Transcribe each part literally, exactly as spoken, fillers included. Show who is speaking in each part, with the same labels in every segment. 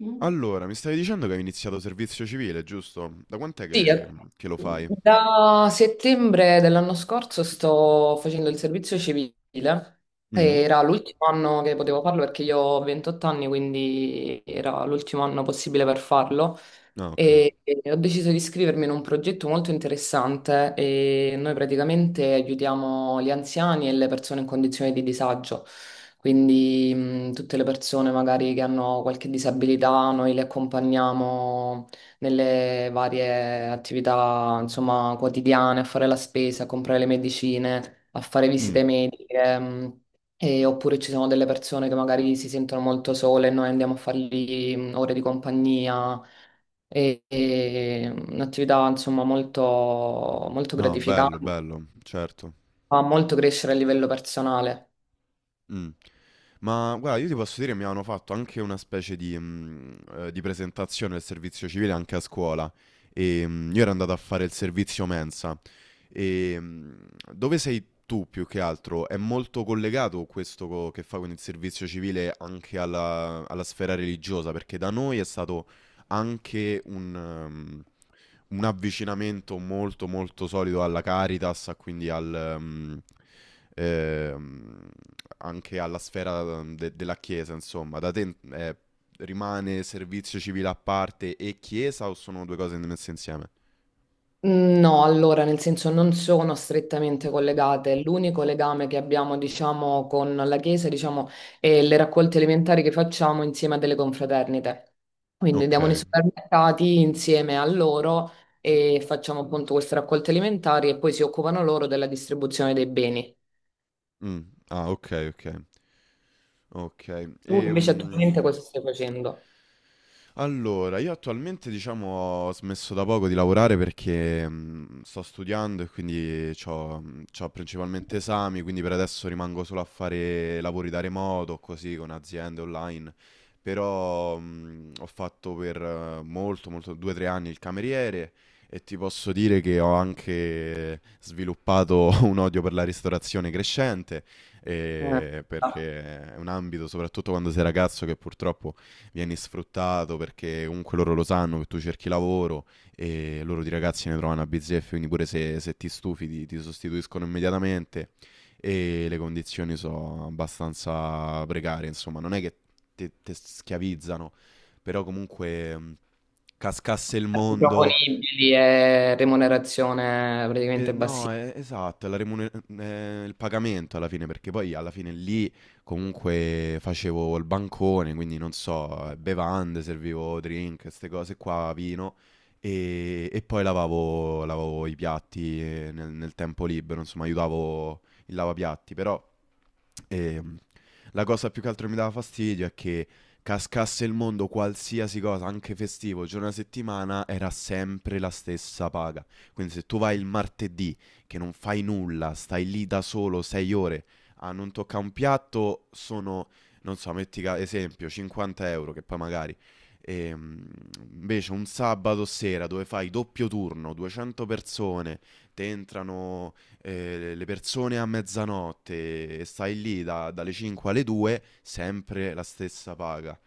Speaker 1: Mm.
Speaker 2: Allora, mi stavi dicendo che hai iniziato servizio civile, giusto? Da quant'è
Speaker 1: Sì, eh,
Speaker 2: che, che lo fai?
Speaker 1: da settembre dell'anno scorso sto facendo il servizio civile.
Speaker 2: Mm?
Speaker 1: Era l'ultimo anno che potevo farlo perché io ho ventotto anni, quindi era l'ultimo anno possibile per farlo.
Speaker 2: Ah, ok.
Speaker 1: E, e ho deciso di iscrivermi in un progetto molto interessante e noi praticamente aiutiamo gli anziani e le persone in condizioni di disagio, quindi mh, tutte le persone magari che hanno qualche disabilità, noi le accompagniamo nelle varie attività, insomma, quotidiane, a fare la spesa, a comprare le medicine, a fare
Speaker 2: Mm.
Speaker 1: visite mediche. Mh. E- oppure ci sono delle persone che magari si sentono molto sole e noi andiamo a fargli mm, ore di compagnia. E, e un'attività insomma molto, molto
Speaker 2: No,
Speaker 1: gratificante,
Speaker 2: bello, bello, certo.
Speaker 1: fa molto crescere a livello personale.
Speaker 2: Mm. Ma guarda, io ti posso dire, mi hanno fatto anche una specie di, mm, eh, di presentazione del servizio civile anche a scuola. E, mm, io ero andato a fare il servizio mensa. E mh, dove sei tu più che altro? È molto collegato questo co- che fa con il servizio civile anche alla, alla sfera religiosa, perché da noi è stato anche un, um, un avvicinamento molto molto solido alla Caritas, a quindi al, um, ehm, anche alla sfera um, de- della Chiesa, insomma. Da te eh, rimane servizio civile a parte e Chiesa o sono due cose messe insieme?
Speaker 1: No, allora, nel senso non sono strettamente collegate. L'unico legame che abbiamo, diciamo, con la Chiesa, diciamo, è le raccolte elementari che facciamo insieme a delle confraternite. Quindi
Speaker 2: Ok.
Speaker 1: andiamo nei supermercati insieme a loro e facciamo appunto queste raccolte elementari e poi si occupano loro della distribuzione dei beni.
Speaker 2: Mm. Ah, ok, ok. Okay.
Speaker 1: Tu invece attualmente
Speaker 2: Ehm,
Speaker 1: cosa stai facendo?
Speaker 2: allora, io attualmente diciamo ho smesso da poco di lavorare perché mh, sto studiando e quindi ho principalmente esami, quindi per adesso rimango solo a fare lavori da remoto, così con aziende online, però mh, ho fatto per eh, molto, molto, due o tre anni il cameriere e ti posso dire che ho anche sviluppato un odio per la ristorazione crescente,
Speaker 1: Eh,
Speaker 2: eh, perché è un ambito, soprattutto quando sei ragazzo, che purtroppo vieni sfruttato perché comunque loro lo sanno che tu cerchi lavoro e loro di ragazzi ne trovano a bizzeffe, quindi pure se, se ti stufi ti, ti sostituiscono immediatamente e le condizioni sono abbastanza precarie, insomma, non è che te, te schiavizzano, però comunque mh, cascasse il mondo.
Speaker 1: proponibili e remunerazione
Speaker 2: Eh,
Speaker 1: praticamente
Speaker 2: no,
Speaker 1: bassissima.
Speaker 2: eh, esatto, è la remune- eh, il pagamento alla fine, perché poi alla fine lì comunque facevo il bancone, quindi non so, eh, bevande, servivo drink, queste cose qua, vino, e, e poi lavavo, lavavo i piatti eh, nel, nel tempo libero, insomma, aiutavo il lavapiatti, però ehm, la cosa più che altro mi dava fastidio è che cascasse il mondo, qualsiasi cosa, anche festivo, giorno a settimana, era sempre la stessa paga. Quindi se tu vai il martedì che non fai nulla, stai lì da solo sei ore a non toccare un piatto, sono, non so, metti ca- esempio, cinquanta euro che poi magari. Ehm, invece un sabato sera dove fai doppio turno, duecento persone, te entrano eh, le persone a mezzanotte e stai lì da- dalle cinque alle due, sempre la stessa paga.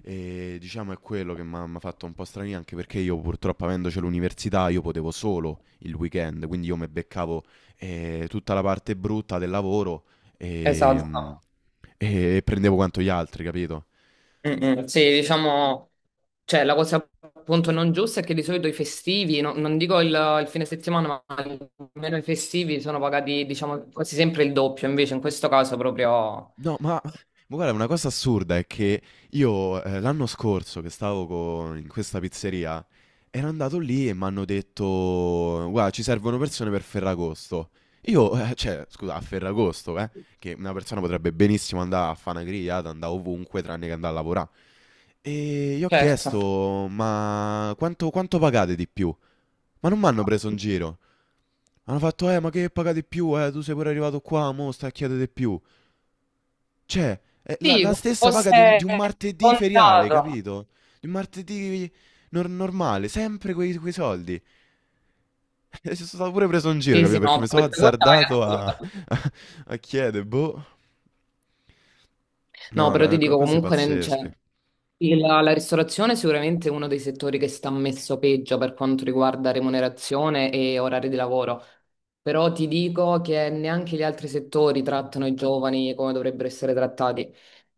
Speaker 2: E diciamo è quello che mi ha fatto un po' strani anche perché io purtroppo avendoci l'università io potevo solo il weekend, quindi io mi beccavo eh, tutta la parte brutta del lavoro ehm,
Speaker 1: Esatto.
Speaker 2: e, mm, e prendevo quanto gli altri, capito?
Speaker 1: Mm, mm, sì, diciamo, cioè la cosa appunto non giusta è che di solito i festivi, no- non dico il, il fine settimana, ma almeno i festivi sono pagati, diciamo, quasi sempre il doppio, invece in questo caso proprio,
Speaker 2: No, ma ma guarda, una cosa assurda è che io, ehm, l'anno scorso che stavo co in questa pizzeria, ero andato lì e m'hanno detto: "Guarda, ci servono persone per Ferragosto". Io, eh, cioè, scusa, a Ferragosto, eh, che una persona potrebbe benissimo andà a fa' 'na grigliata, andà ovunque tranne che andà a lavorà. E gli ho
Speaker 1: certo.
Speaker 2: chiesto: "Ma quanto quanto pagate di più?" Ma non m'hanno preso in giro. Hanno fatto: "Eh, ma che pagate di più? Eh, tu sei pure arrivato qua, mo' stai a chiedere di più". Cioè, è la,
Speaker 1: Sì,
Speaker 2: la
Speaker 1: come
Speaker 2: stessa paga di un, di
Speaker 1: fosse
Speaker 2: un martedì feriale,
Speaker 1: contato.
Speaker 2: capito? Di un martedì nor- normale, sempre quei, quei soldi. E sono stato pure preso in giro,
Speaker 1: Sì, sì,
Speaker 2: capito? Perché
Speaker 1: no,
Speaker 2: mi sono
Speaker 1: questa cosa è
Speaker 2: azzardato a,
Speaker 1: assurda.
Speaker 2: a, a chiedere, boh.
Speaker 1: No,
Speaker 2: No,
Speaker 1: però
Speaker 2: ra-
Speaker 1: ti
Speaker 2: co-
Speaker 1: dico
Speaker 2: cose
Speaker 1: comunque, non c'è.
Speaker 2: pazzesche.
Speaker 1: Sì, La, la ristorazione è sicuramente uno dei settori che sta messo peggio per quanto riguarda remunerazione e orari di lavoro, però ti dico che neanche gli altri settori trattano i giovani come dovrebbero essere trattati.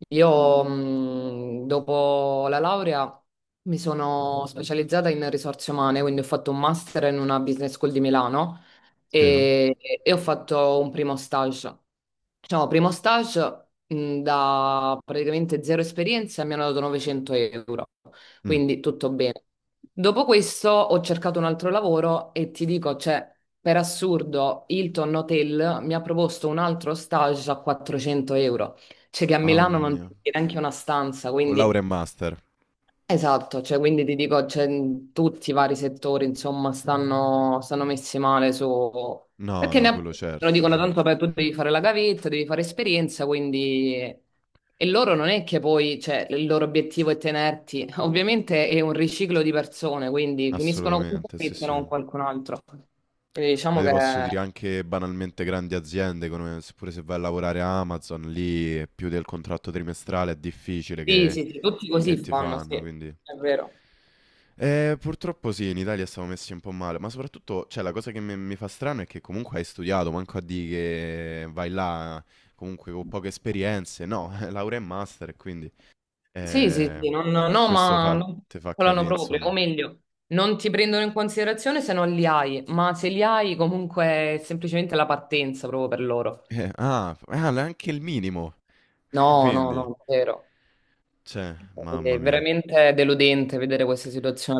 Speaker 1: Io, mh, dopo la laurea, mi sono specializzata in risorse umane, quindi ho fatto un master in una business school di Milano
Speaker 2: Sì. Eh?
Speaker 1: e, e ho fatto un primo stage. Diciamo, primo stage mh, da praticamente zero esperienza mi hanno dato novecento euro,
Speaker 2: Mm.
Speaker 1: quindi tutto bene. Dopo questo ho cercato un altro lavoro e ti dico, cioè, per assurdo, Hilton Hotel mi ha proposto un altro stage a quattrocento euro, cioè che a Milano
Speaker 2: Mamma
Speaker 1: non ti
Speaker 2: mia.
Speaker 1: viene neanche una stanza,
Speaker 2: Con laurea
Speaker 1: quindi
Speaker 2: e master.
Speaker 1: esatto, cioè, quindi ti dico, cioè, in tutti i vari settori, insomma, stanno, stanno messi male su...
Speaker 2: No,
Speaker 1: Perché ne
Speaker 2: no, quello
Speaker 1: approfittano,
Speaker 2: certo,
Speaker 1: dicono
Speaker 2: sì.
Speaker 1: tanto per tu devi fare la gavetta, devi fare esperienza, quindi... E loro non è che poi, cioè, il loro obiettivo è tenerti, ovviamente è un riciclo di persone, quindi finiscono con te
Speaker 2: Assolutamente,
Speaker 1: e
Speaker 2: sì, sì.
Speaker 1: iniziano
Speaker 2: Ma
Speaker 1: con qualcun altro. Quindi diciamo
Speaker 2: ti
Speaker 1: che
Speaker 2: posso dire anche banalmente grandi aziende, come, pure se vai a lavorare a Amazon, lì più del contratto trimestrale è difficile
Speaker 1: sì,
Speaker 2: che
Speaker 1: sì, sì, tutti così
Speaker 2: che ti
Speaker 1: fanno, sì,
Speaker 2: fanno, quindi.
Speaker 1: è vero.
Speaker 2: Eh, purtroppo sì, in Italia siamo messi un po' male, ma soprattutto, cioè, la cosa che mi, mi fa strano è che comunque hai studiato, manco a dire che vai là comunque con poche esperienze, no, laurea e master, e quindi
Speaker 1: Sì, sì,
Speaker 2: eh,
Speaker 1: sì, non- no,
Speaker 2: questo
Speaker 1: ma
Speaker 2: fa,
Speaker 1: non
Speaker 2: ti fa
Speaker 1: calcolano
Speaker 2: capire,
Speaker 1: proprio, o
Speaker 2: insomma.
Speaker 1: meglio, non ti prendono in considerazione se non li hai, ma se li hai comunque è semplicemente la partenza proprio per loro.
Speaker 2: Eh, ah, f- ah, l- anche il minimo,
Speaker 1: No, no,
Speaker 2: quindi,
Speaker 1: no, è vero.
Speaker 2: cioè, mamma
Speaker 1: È
Speaker 2: mia.
Speaker 1: veramente deludente vedere questa situazione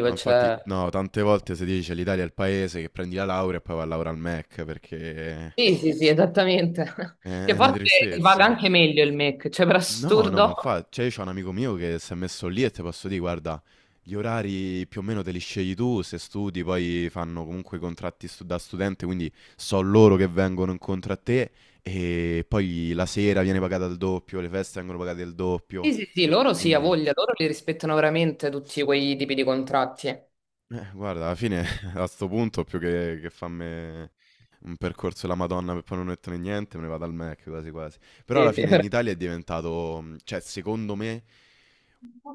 Speaker 2: Ma infatti,
Speaker 1: cioè...
Speaker 2: no, tante volte si dice l'Italia è il paese che prendi la laurea e poi va a lavorare al Mac, perché è
Speaker 1: Sì, sì, sì, esattamente.
Speaker 2: è
Speaker 1: Che
Speaker 2: una
Speaker 1: forse si paga
Speaker 2: tristezza.
Speaker 1: anche meglio il MEC, cioè per
Speaker 2: No, no, ma
Speaker 1: assurdo.
Speaker 2: infatti, cioè, io c'ho un amico mio che si è messo lì e ti posso dire, guarda, gli orari più o meno te li scegli tu, se studi, poi fanno comunque i contratti stu- da studente, quindi so loro che vengono incontro a te e poi la sera viene pagata il doppio, le feste vengono pagate il doppio,
Speaker 1: Sì, sì, sì, loro sì, a
Speaker 2: quindi,
Speaker 1: voglia, loro li rispettano veramente tutti quei tipi di contratti.
Speaker 2: eh, guarda, alla fine a sto punto più che, che farmi un percorso della Madonna per poi non mettere niente, me ne vado al Mac quasi quasi. Però
Speaker 1: Sì,
Speaker 2: alla
Speaker 1: sì,
Speaker 2: fine in Italia è diventato, mm, cioè, secondo me.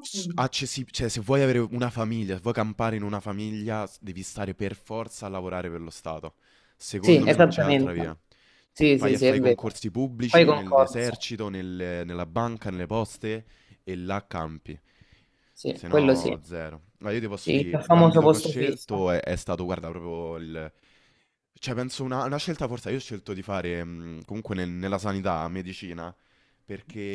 Speaker 2: s- accessib- Cioè, se vuoi avere una famiglia, se vuoi campare in una famiglia, s- devi stare per forza a lavorare per lo Stato.
Speaker 1: sì,
Speaker 2: Secondo me non c'è altra via.
Speaker 1: esattamente. Sì,
Speaker 2: Vai
Speaker 1: sì,
Speaker 2: a
Speaker 1: sì, è
Speaker 2: fare i
Speaker 1: vero.
Speaker 2: concorsi
Speaker 1: Poi
Speaker 2: pubblici
Speaker 1: concorso.
Speaker 2: nell'esercito, nelle- nella banca, nelle poste e là campi.
Speaker 1: Sì,
Speaker 2: Se
Speaker 1: quello sì.
Speaker 2: no, zero. Ma io ti posso
Speaker 1: Sì, il
Speaker 2: dire,
Speaker 1: famoso
Speaker 2: l'ambito che ho
Speaker 1: posto fisso.
Speaker 2: scelto è, è stato, guarda, proprio il. Cioè, penso una, una scelta forse, io ho scelto di fare mh, comunque nel- nella sanità, medicina,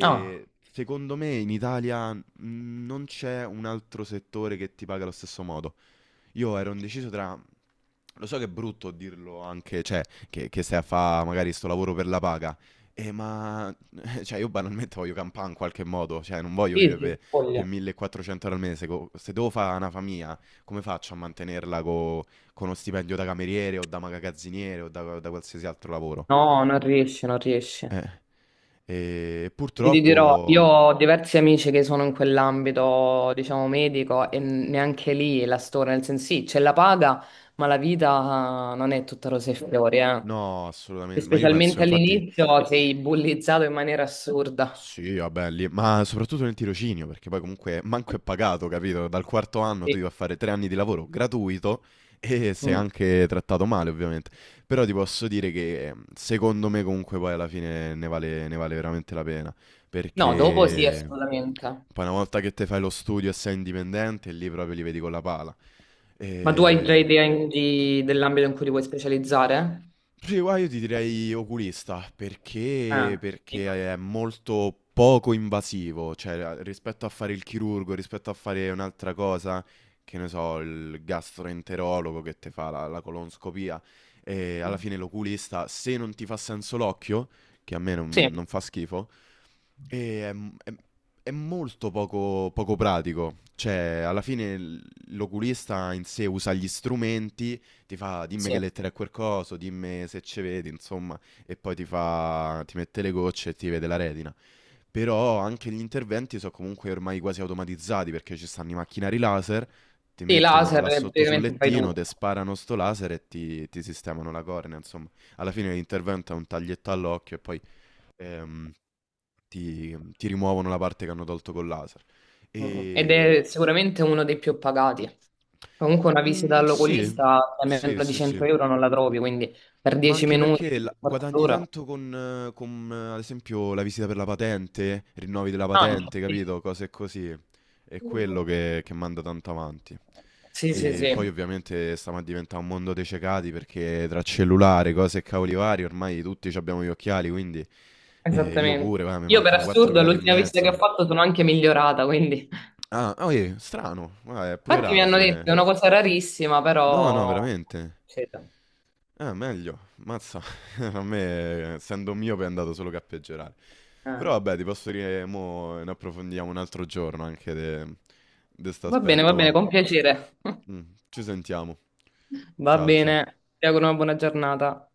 Speaker 1: Ah,
Speaker 2: secondo me in Italia Mm, non c'è un altro settore che ti paga allo stesso modo. Io ero indeciso tra. Lo so che è brutto dirlo anche, cioè, che, che stai a fare magari sto lavoro per la paga. Eh, ma. Cioè, io banalmente voglio campare in qualche modo. Cioè, non voglio
Speaker 1: sì,
Speaker 2: vivere per,
Speaker 1: sì,
Speaker 2: per
Speaker 1: voglio.
Speaker 2: millequattrocento euro al mese. co- Se devo fare una famiglia, come faccio a mantenerla co- con uno stipendio da cameriere o da magazziniere o da, da qualsiasi altro lavoro?
Speaker 1: No, non riesce, non riesce.
Speaker 2: E
Speaker 1: Ti
Speaker 2: purtroppo.
Speaker 1: dirò, io ho diversi amici che sono in quell'ambito, diciamo, medico e neanche lì la storia, nel senso sì, c'è la paga, ma la vita non è tutta rose e fiori, eh.
Speaker 2: No,
Speaker 1: E
Speaker 2: assolutamente. Ma io penso,
Speaker 1: specialmente
Speaker 2: infatti.
Speaker 1: all'inizio sei bullizzato in maniera assurda.
Speaker 2: Sì, vabbè, lì, ma soprattutto nel tirocinio, perché poi comunque manco è pagato, capito? Dal quarto anno tu
Speaker 1: Sì.
Speaker 2: devi fare tre anni di lavoro gratuito e sei
Speaker 1: Mm.
Speaker 2: anche trattato male, ovviamente. Però ti posso dire che ehm, secondo me comunque poi alla fine ne vale, ne vale veramente la pena,
Speaker 1: No, dopo sì,
Speaker 2: perché
Speaker 1: assolutamente.
Speaker 2: poi una volta che te fai lo studio e sei indipendente, lì proprio li vedi con la pala.
Speaker 1: Ma tu hai già
Speaker 2: E.
Speaker 1: idea in- di- dell'ambito in cui ti vuoi specializzare?
Speaker 2: Sì, guarda, io ti direi oculista perché,
Speaker 1: Ah, dico.
Speaker 2: perché è molto poco invasivo, cioè a- rispetto a fare il chirurgo, rispetto a fare un'altra cosa, che ne so, il gastroenterologo che ti fa la, la colonscopia, e alla fine l'oculista, se non ti fa senso l'occhio, che a me
Speaker 1: Sì,
Speaker 2: non, non fa schifo, e è, m- è- è molto poco, poco pratico, cioè alla fine l- l'oculista in sé usa gli strumenti, ti fa dimmi che
Speaker 1: sì.
Speaker 2: lettere è quel coso, dimmi se ci vedi, insomma, e poi ti fa, ti mette le gocce e ti vede la retina. Però anche gli interventi sono comunque ormai quasi automatizzati perché ci stanno i macchinari laser, ti
Speaker 1: Sì,
Speaker 2: mettono
Speaker 1: laser
Speaker 2: là
Speaker 1: eh,
Speaker 2: sotto sul
Speaker 1: praticamente fai
Speaker 2: lettino,
Speaker 1: tutto.
Speaker 2: ti sparano sto laser e ti, ti sistemano la cornea, insomma. Alla fine l'intervento è un taglietto all'occhio e poi ehm, ti, ti rimuovono la parte che hanno tolto col laser.
Speaker 1: Mm. Ed
Speaker 2: E.
Speaker 1: è sicuramente uno dei più pagati. Comunque una visita
Speaker 2: Mm, sì,
Speaker 1: all'oculista a
Speaker 2: sì,
Speaker 1: meno di
Speaker 2: sì,
Speaker 1: 100
Speaker 2: sì.
Speaker 1: euro non la trovi, quindi per
Speaker 2: Ma
Speaker 1: 10
Speaker 2: anche
Speaker 1: minuti,
Speaker 2: perché la-
Speaker 1: un quarto
Speaker 2: guadagni
Speaker 1: d'ora.
Speaker 2: tanto con, eh, con, eh, ad esempio, la visita per la patente, rinnovi della
Speaker 1: Anche,
Speaker 2: patente,
Speaker 1: sì.
Speaker 2: capito? Cose così. È quello che, che manda tanto avanti.
Speaker 1: Sì, sì,
Speaker 2: E poi
Speaker 1: sì,
Speaker 2: ovviamente stiamo a diventare un mondo dei cecati perché tra cellulare, cose e cavoli vari, ormai tutti ci abbiamo gli occhiali, quindi eh, io
Speaker 1: esattamente.
Speaker 2: pure, va, mi
Speaker 1: Io per
Speaker 2: mancano quattro
Speaker 1: assurdo
Speaker 2: gradi e
Speaker 1: all'ultima visita che ho
Speaker 2: mezzo.
Speaker 1: fatto sono anche migliorata, quindi...
Speaker 2: Ah, oh, eh, strano, ma è pure
Speaker 1: Infatti mi
Speaker 2: raro
Speaker 1: hanno detto che è
Speaker 2: come.
Speaker 1: una cosa rarissima,
Speaker 2: No, no,
Speaker 1: però...
Speaker 2: veramente.
Speaker 1: Sì, dai.
Speaker 2: Ah, meglio, mazza. A me, essendo mio, è andato solo che a peggiorare.
Speaker 1: Eh.
Speaker 2: Però vabbè, ti posso dire, mo ne approfondiamo un altro giorno anche di questo
Speaker 1: Va bene, va
Speaker 2: aspetto,
Speaker 1: bene,
Speaker 2: ma.
Speaker 1: con piacere.
Speaker 2: Mm, ci sentiamo.
Speaker 1: Va
Speaker 2: Ciao, ciao.
Speaker 1: bene, ti auguro una buona giornata.